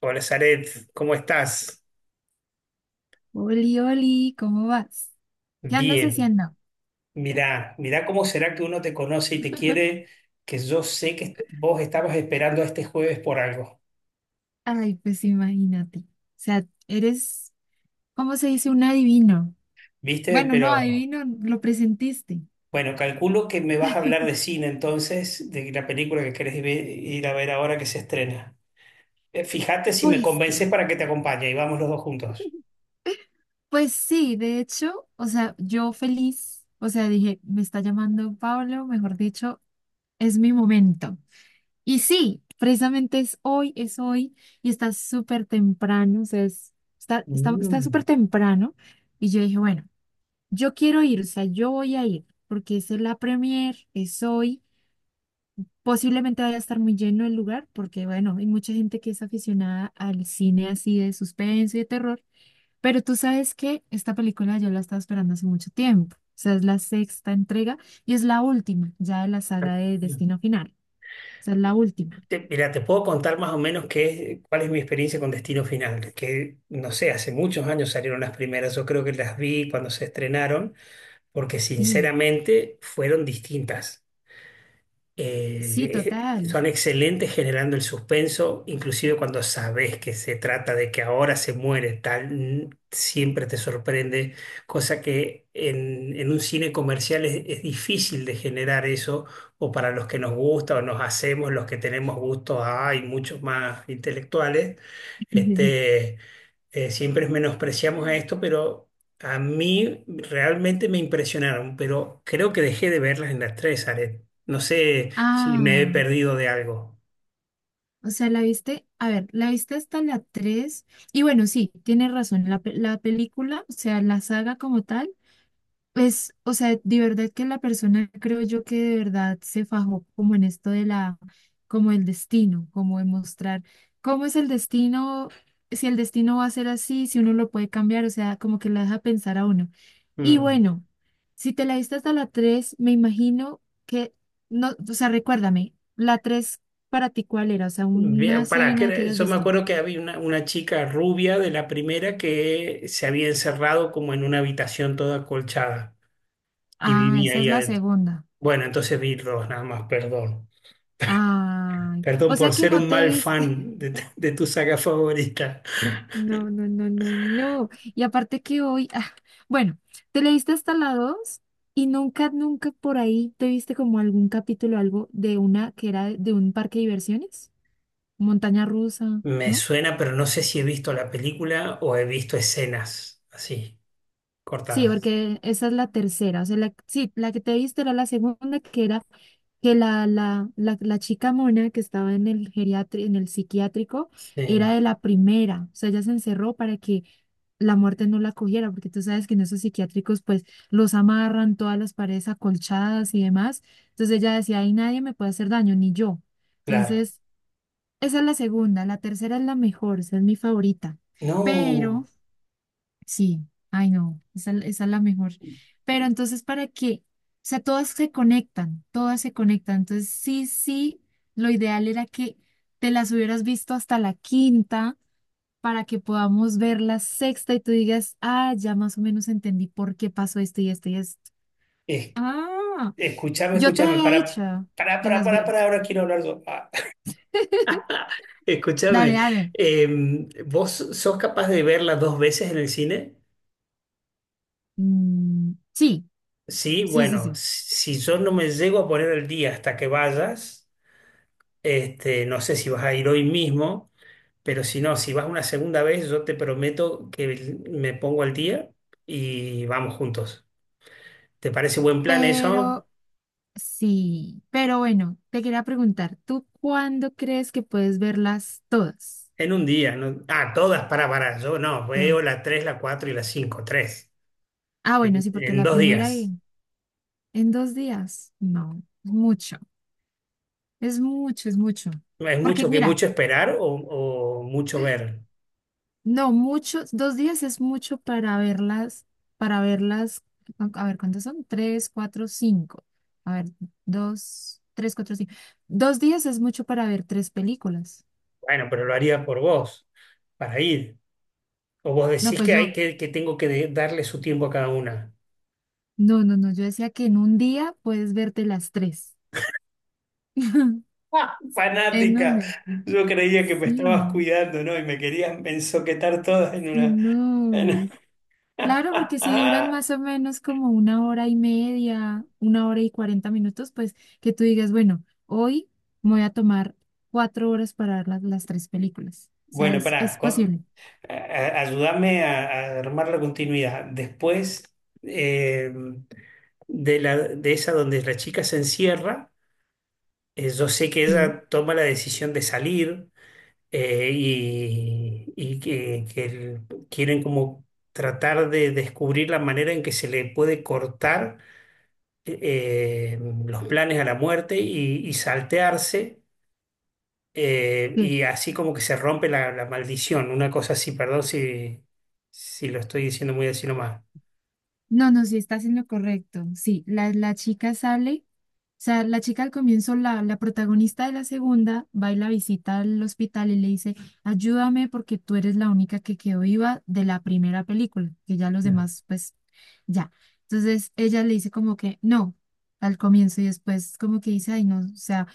Hola, Zaret, ¿cómo estás? Oli, Oli, ¿cómo vas? ¿Qué andas Bien. haciendo? Mirá, mirá cómo será que uno te conoce y te quiere, que yo sé que vos estabas esperando a este jueves por algo, Ay, pues imagínate. O sea, eres, ¿cómo se dice? Un adivino. ¿viste? Bueno, no, Pero adivino, lo presentiste. bueno, calculo que me vas a hablar de cine entonces, de la película que ir a ver ahora que se estrena. Fíjate si me Pues sí. convences para que te acompañe y vamos los dos juntos. Pues sí, de hecho, o sea, yo feliz, o sea, dije, me está llamando Pablo, mejor dicho, es mi momento. Y sí, precisamente es hoy, y está súper temprano, o sea, está Mm. súper temprano. Y yo dije, bueno. Yo quiero ir, o sea, yo voy a ir, porque esa es la premier, es hoy. Posiblemente vaya a estar muy lleno el lugar, porque bueno, hay mucha gente que es aficionada al cine así de suspenso y de terror. Pero tú sabes que esta película yo la estaba esperando hace mucho tiempo. O sea, es la sexta entrega y es la última ya de la saga de Destino Final. O sea, es la última. Mira, te puedo contar más o menos qué cuál es mi experiencia con Destino Final, que no sé, hace muchos años salieron las primeras, yo creo que las vi cuando se estrenaron, porque Sí, sinceramente fueron distintas, sí, total. son excelentes generando el suspenso, inclusive cuando sabes que se trata de que ahora se muere tal, siempre te sorprende, cosa que en un cine comercial es difícil de generar eso, o para los que nos gusta o nos hacemos, los que tenemos gustos, hay muchos más intelectuales, este, siempre menospreciamos a esto, pero... A mí realmente me impresionaron, pero creo que dejé de verlas en las tres, Aret. No sé si me he Ah. perdido de algo. O sea, la viste, a ver, la viste hasta la 3. Y bueno, sí, tienes razón, la película, o sea, la saga como tal, es, o sea, de verdad que la persona creo yo que de verdad se fajó como en esto de la, como el destino, como de mostrar cómo es el destino, si el destino va a ser así, si uno lo puede cambiar, o sea, como que la deja pensar a uno. Y Mm. bueno, si te la diste hasta la 3 me imagino que, no, o sea, recuérdame, la 3 para ti cuál era, o sea, una Bien, pará, escena que hayas yo me visto. acuerdo que había una chica rubia de la primera que se había encerrado como en una habitación toda acolchada y Ah, vivía esa es ahí la adentro. segunda. Bueno, entonces vi dos nada más, perdón. Ay, Perdón o sea por que ser no un te mal viste. fan de tu saga favorita. No, no, no, no, no. Y aparte que hoy, ah, bueno, te leíste hasta la 2 y nunca, nunca por ahí te viste como algún capítulo, algo de una que era de un parque de diversiones, montaña rusa, Me ¿no? suena, pero no sé si he visto la película o he visto escenas así, Sí, cortadas. porque esa es la tercera. O sea, la, sí, la que te viste era la segunda, que era que la chica mona que estaba en el en el psiquiátrico, era Sí, de la primera. O sea, ella se encerró para que la muerte no la cogiera, porque tú sabes que en esos psiquiátricos, pues, los amarran todas las paredes acolchadas y demás. Entonces ella decía, ahí nadie me puede hacer daño, ni yo. claro. Entonces, esa es la segunda. La tercera es la mejor, esa es mi favorita. Pero No, sí, ay no, esa es la mejor. Pero entonces, ¿para qué? O sea, todas se conectan, todas se conectan. Entonces, sí, sí, lo ideal era que te las hubieras visto hasta la quinta para que podamos ver la sexta y tú digas, ah, ya más o menos entendí por qué pasó esto y esto y esto. es Ah, Escúchame, yo te escúchame, había para, dicho para, que para, las para, para, vieras. ahora quiero hablar yo. Ah, Dale, Escúchame, dale. ¿Vos sos capaz de verla dos veces en el cine? Mm, sí, Sí, sí, sí, bueno, sí. si yo no me llego a poner al día hasta que vayas, no sé si vas a ir hoy mismo, pero si no, si vas una segunda vez, yo te prometo que me pongo al día y vamos juntos. ¿Te parece buen plan eso? Pero sí, pero bueno, te quería preguntar, ¿tú cuándo crees que puedes verlas todas? En un día, ¿no? Ah, todas yo no, veo Todas. la 3, la 4 y la 5, 3. Ah, bueno, En, sí, porque en la dos primera días. en, dos días. No, mucho. Es mucho, es mucho. ¿Es Porque mucho que mira, mucho esperar o mucho ver? no, muchos, 2 días es mucho para verlas, para verlas, a ver, ¿cuántas son? Tres, cuatro, cinco. A ver, dos, tres, cuatro, cinco. 2 días es mucho para ver tres películas. Bueno, pero lo haría por vos, para ir. O vos No, decís pues que yo, hay que tengo que darle su tiempo a cada una. no, no, no, yo decía que en un día puedes verte las tres. ¡Ah! ¿En Fanática. dónde? Yo creía que me estabas Sí, cuidando, ¿no? Y me querías ensoquetar todas en sí, una. no. en- Claro, porque si duran más o menos como una hora y media, una hora y 40 minutos, pues que tú digas, bueno, hoy me voy a tomar 4 horas para ver las tres películas. O sea, Bueno, es pará, posible. Ayúdame a armar la continuidad. Después eh, de la, de esa donde la chica se encierra. Yo sé que ¿Sí? ella toma la decisión de salir, eh, y, y que, que el- quieren como tratar de descubrir la manera en que se le puede cortar, eh, los planes a la muerte y saltearse, ¿Qué? y así como que se rompe la maldición, una cosa así, perdón si, si lo estoy diciendo muy así nomás. No, no, sí, estás en lo correcto. Sí, la chica sale. Sea, la chica al comienzo, la protagonista de la segunda, va y la visita al hospital y le dice, ayúdame porque tú eres la única que quedó viva de la primera película, que ya los demás, pues, ya. Entonces ella le dice como que no al comienzo y después como que dice, ay, no, o sea,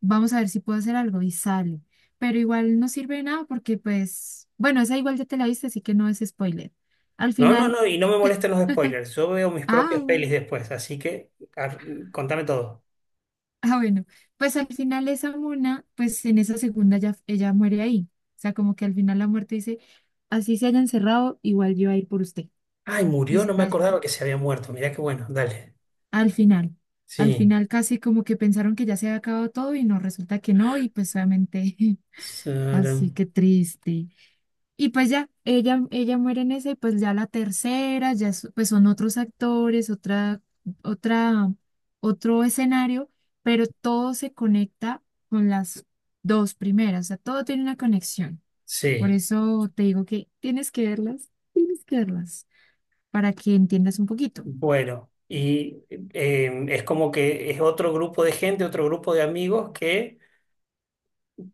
vamos a ver si puedo hacer algo y sale. Pero igual no sirve de nada porque pues, bueno, esa igual ya te la viste, así que no es spoiler. Al No, no, final, no, y no me molestan los spoilers, yo veo mis ah, propias pelis bueno. después, así que contame todo. Ah, bueno, pues al final esa mona, pues en esa segunda ya, ella muere ahí. O sea, como que al final la muerte dice, así se haya encerrado, igual yo voy a ir por usted. Ay, Y murió, se no me la lleva. acordaba que se había muerto. Mirá qué bueno, dale. Al final, Sí. Casi como que pensaron que ya se había acabado todo y no, resulta que no, y pues obviamente, Sara- así que triste. Y pues ya, ella muere en esa y pues ya la tercera, pues son otros actores, otra, otro escenario, pero todo se conecta con las dos primeras, o sea, todo tiene una conexión. Por Sí. eso te digo que tienes que verlas, para que entiendas un poquito. Bueno, y es como que es otro grupo de gente, otro grupo de amigos que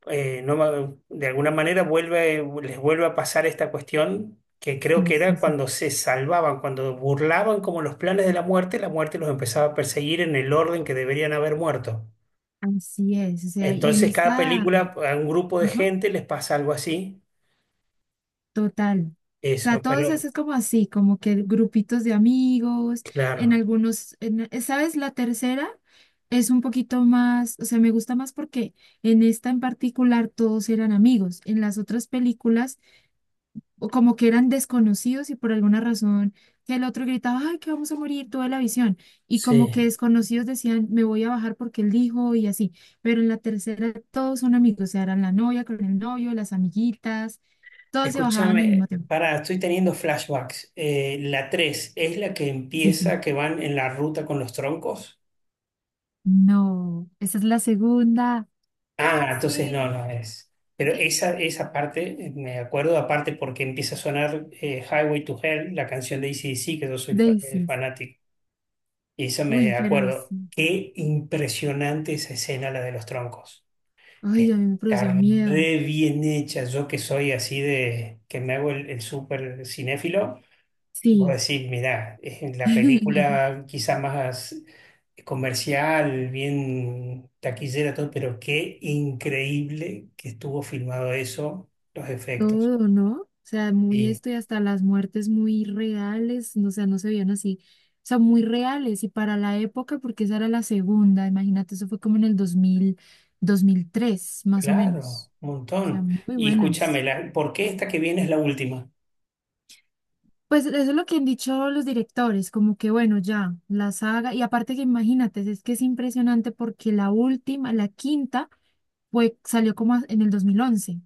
no, ma- de alguna manera vuelve, les vuelve a pasar esta cuestión que creo Sí, que sí, era sí. cuando se salvaban, cuando burlaban como los planes de la muerte los empezaba a perseguir en el orden que deberían haber muerto. Así es, o sea, y en Entonces, cada esta, película a un grupo de ajá. gente les pasa algo así. Total. O sea, Eso, todos pero es como así, como que grupitos de amigos, en claro. algunos, ¿sabes? La tercera es un poquito más, o sea, me gusta más porque en esta en particular todos eran amigos. En las otras películas, o como que eran desconocidos y por alguna razón que el otro gritaba, ay, que vamos a morir, toda la visión. Y como Sí. que desconocidos decían, me voy a bajar porque él dijo y así. Pero en la tercera todos son amigos, o sea, eran la novia con el novio, las amiguitas todos se bajaban al Escúchame, mismo tiempo. pará, estoy teniendo flashbacks. La 3 es la que Sí, empieza, sí. que van en la ruta con los troncos. No, esa es la segunda. Ah, entonces Sí. no, no es. Pero esa parte, me acuerdo, aparte porque empieza a sonar, Highway to Hell, la canción de AC/DC, que yo Daisies. fanático. Y eso Uy, me pero acuerdo. sí. Qué impresionante esa escena, la de los troncos. Ay, a mí me Está produce miedo. re bien hecha. Yo que soy así de, que me hago el súper cinéfilo. Vos Sí. decís, mirá, es la película quizás más comercial, bien taquillera, todo, pero qué increíble que estuvo filmado eso, los efectos. Todo, ¿no? O sea, muy Y esto y hasta las muertes muy reales, no, o sea, no se veían así. O sea, muy reales y para la época, porque esa era la segunda, imagínate, eso fue como en el 2003 más o claro, menos. un O sea, montón. muy Y buenas. escúchame, ¿por qué esta que viene es la última? Pues eso es lo que han dicho los directores, como que bueno, ya, la saga, y aparte que imagínate, es que es impresionante porque la última, la quinta, salió como en el 2011, o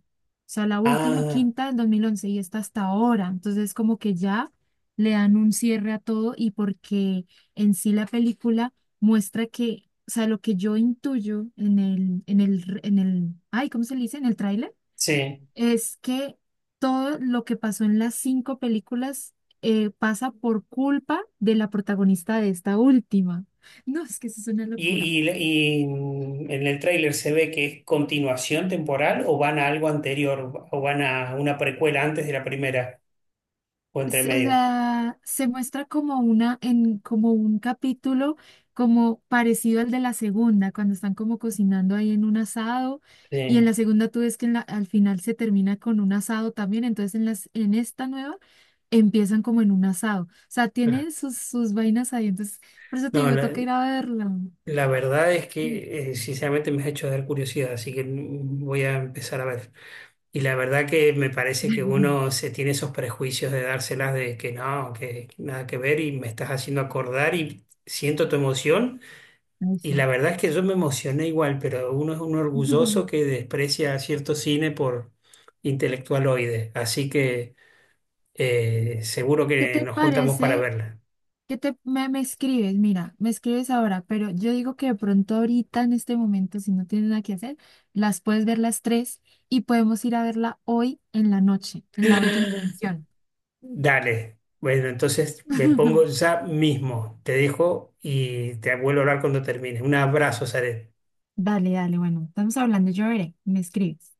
sea, la última Ah, quinta del 2011 y está hasta ahora, entonces como que ya le dan un cierre a todo y porque en sí la película muestra que, o sea, lo que yo intuyo en el, ay, ¿cómo se le dice? En el tráiler sí. es que todo lo que pasó en las cinco películas pasa por culpa de la protagonista de esta última. No, es que eso es una locura. ¿Y, y, ¿y en el tráiler se ve que es continuación temporal o van a algo anterior o van a una precuela antes de la primera o entre O medio? sea, se muestra como una, en, como un capítulo como parecido al de la segunda, cuando están como cocinando ahí en un asado, y en Sí. la segunda tú ves que en al final se termina con un asado también, entonces en en esta nueva empiezan como en un asado. O sea, tienen sus vainas ahí. Entonces, por eso te No, digo, toca ir no. a verla. La verdad es Mm. que sinceramente me has hecho dar curiosidad, así que mm, voy a empezar a ver. Y la verdad que me parece que uno se tiene esos prejuicios de dárselas de que no, que nada que ver y me estás haciendo acordar y siento tu emoción. Ay, Y sí. la verdad es que yo me emocioné igual, pero uno es un orgulloso que desprecia a cierto cine por intelectualoide, así que seguro ¿Qué que te nos juntamos para parece? verla. ¿Qué me escribes? Mira, me escribes ahora, pero yo digo que de pronto ahorita en este momento, si no tienes nada que hacer, las puedes ver las tres y podemos ir a verla hoy en la noche, en la última función. Dale. Bueno, entonces me pongo ya mismo. Te dejo y te vuelvo a hablar cuando termine. Un abrazo, Zaret. Dale, dale, bueno, estamos hablando, yo veré, me escribes.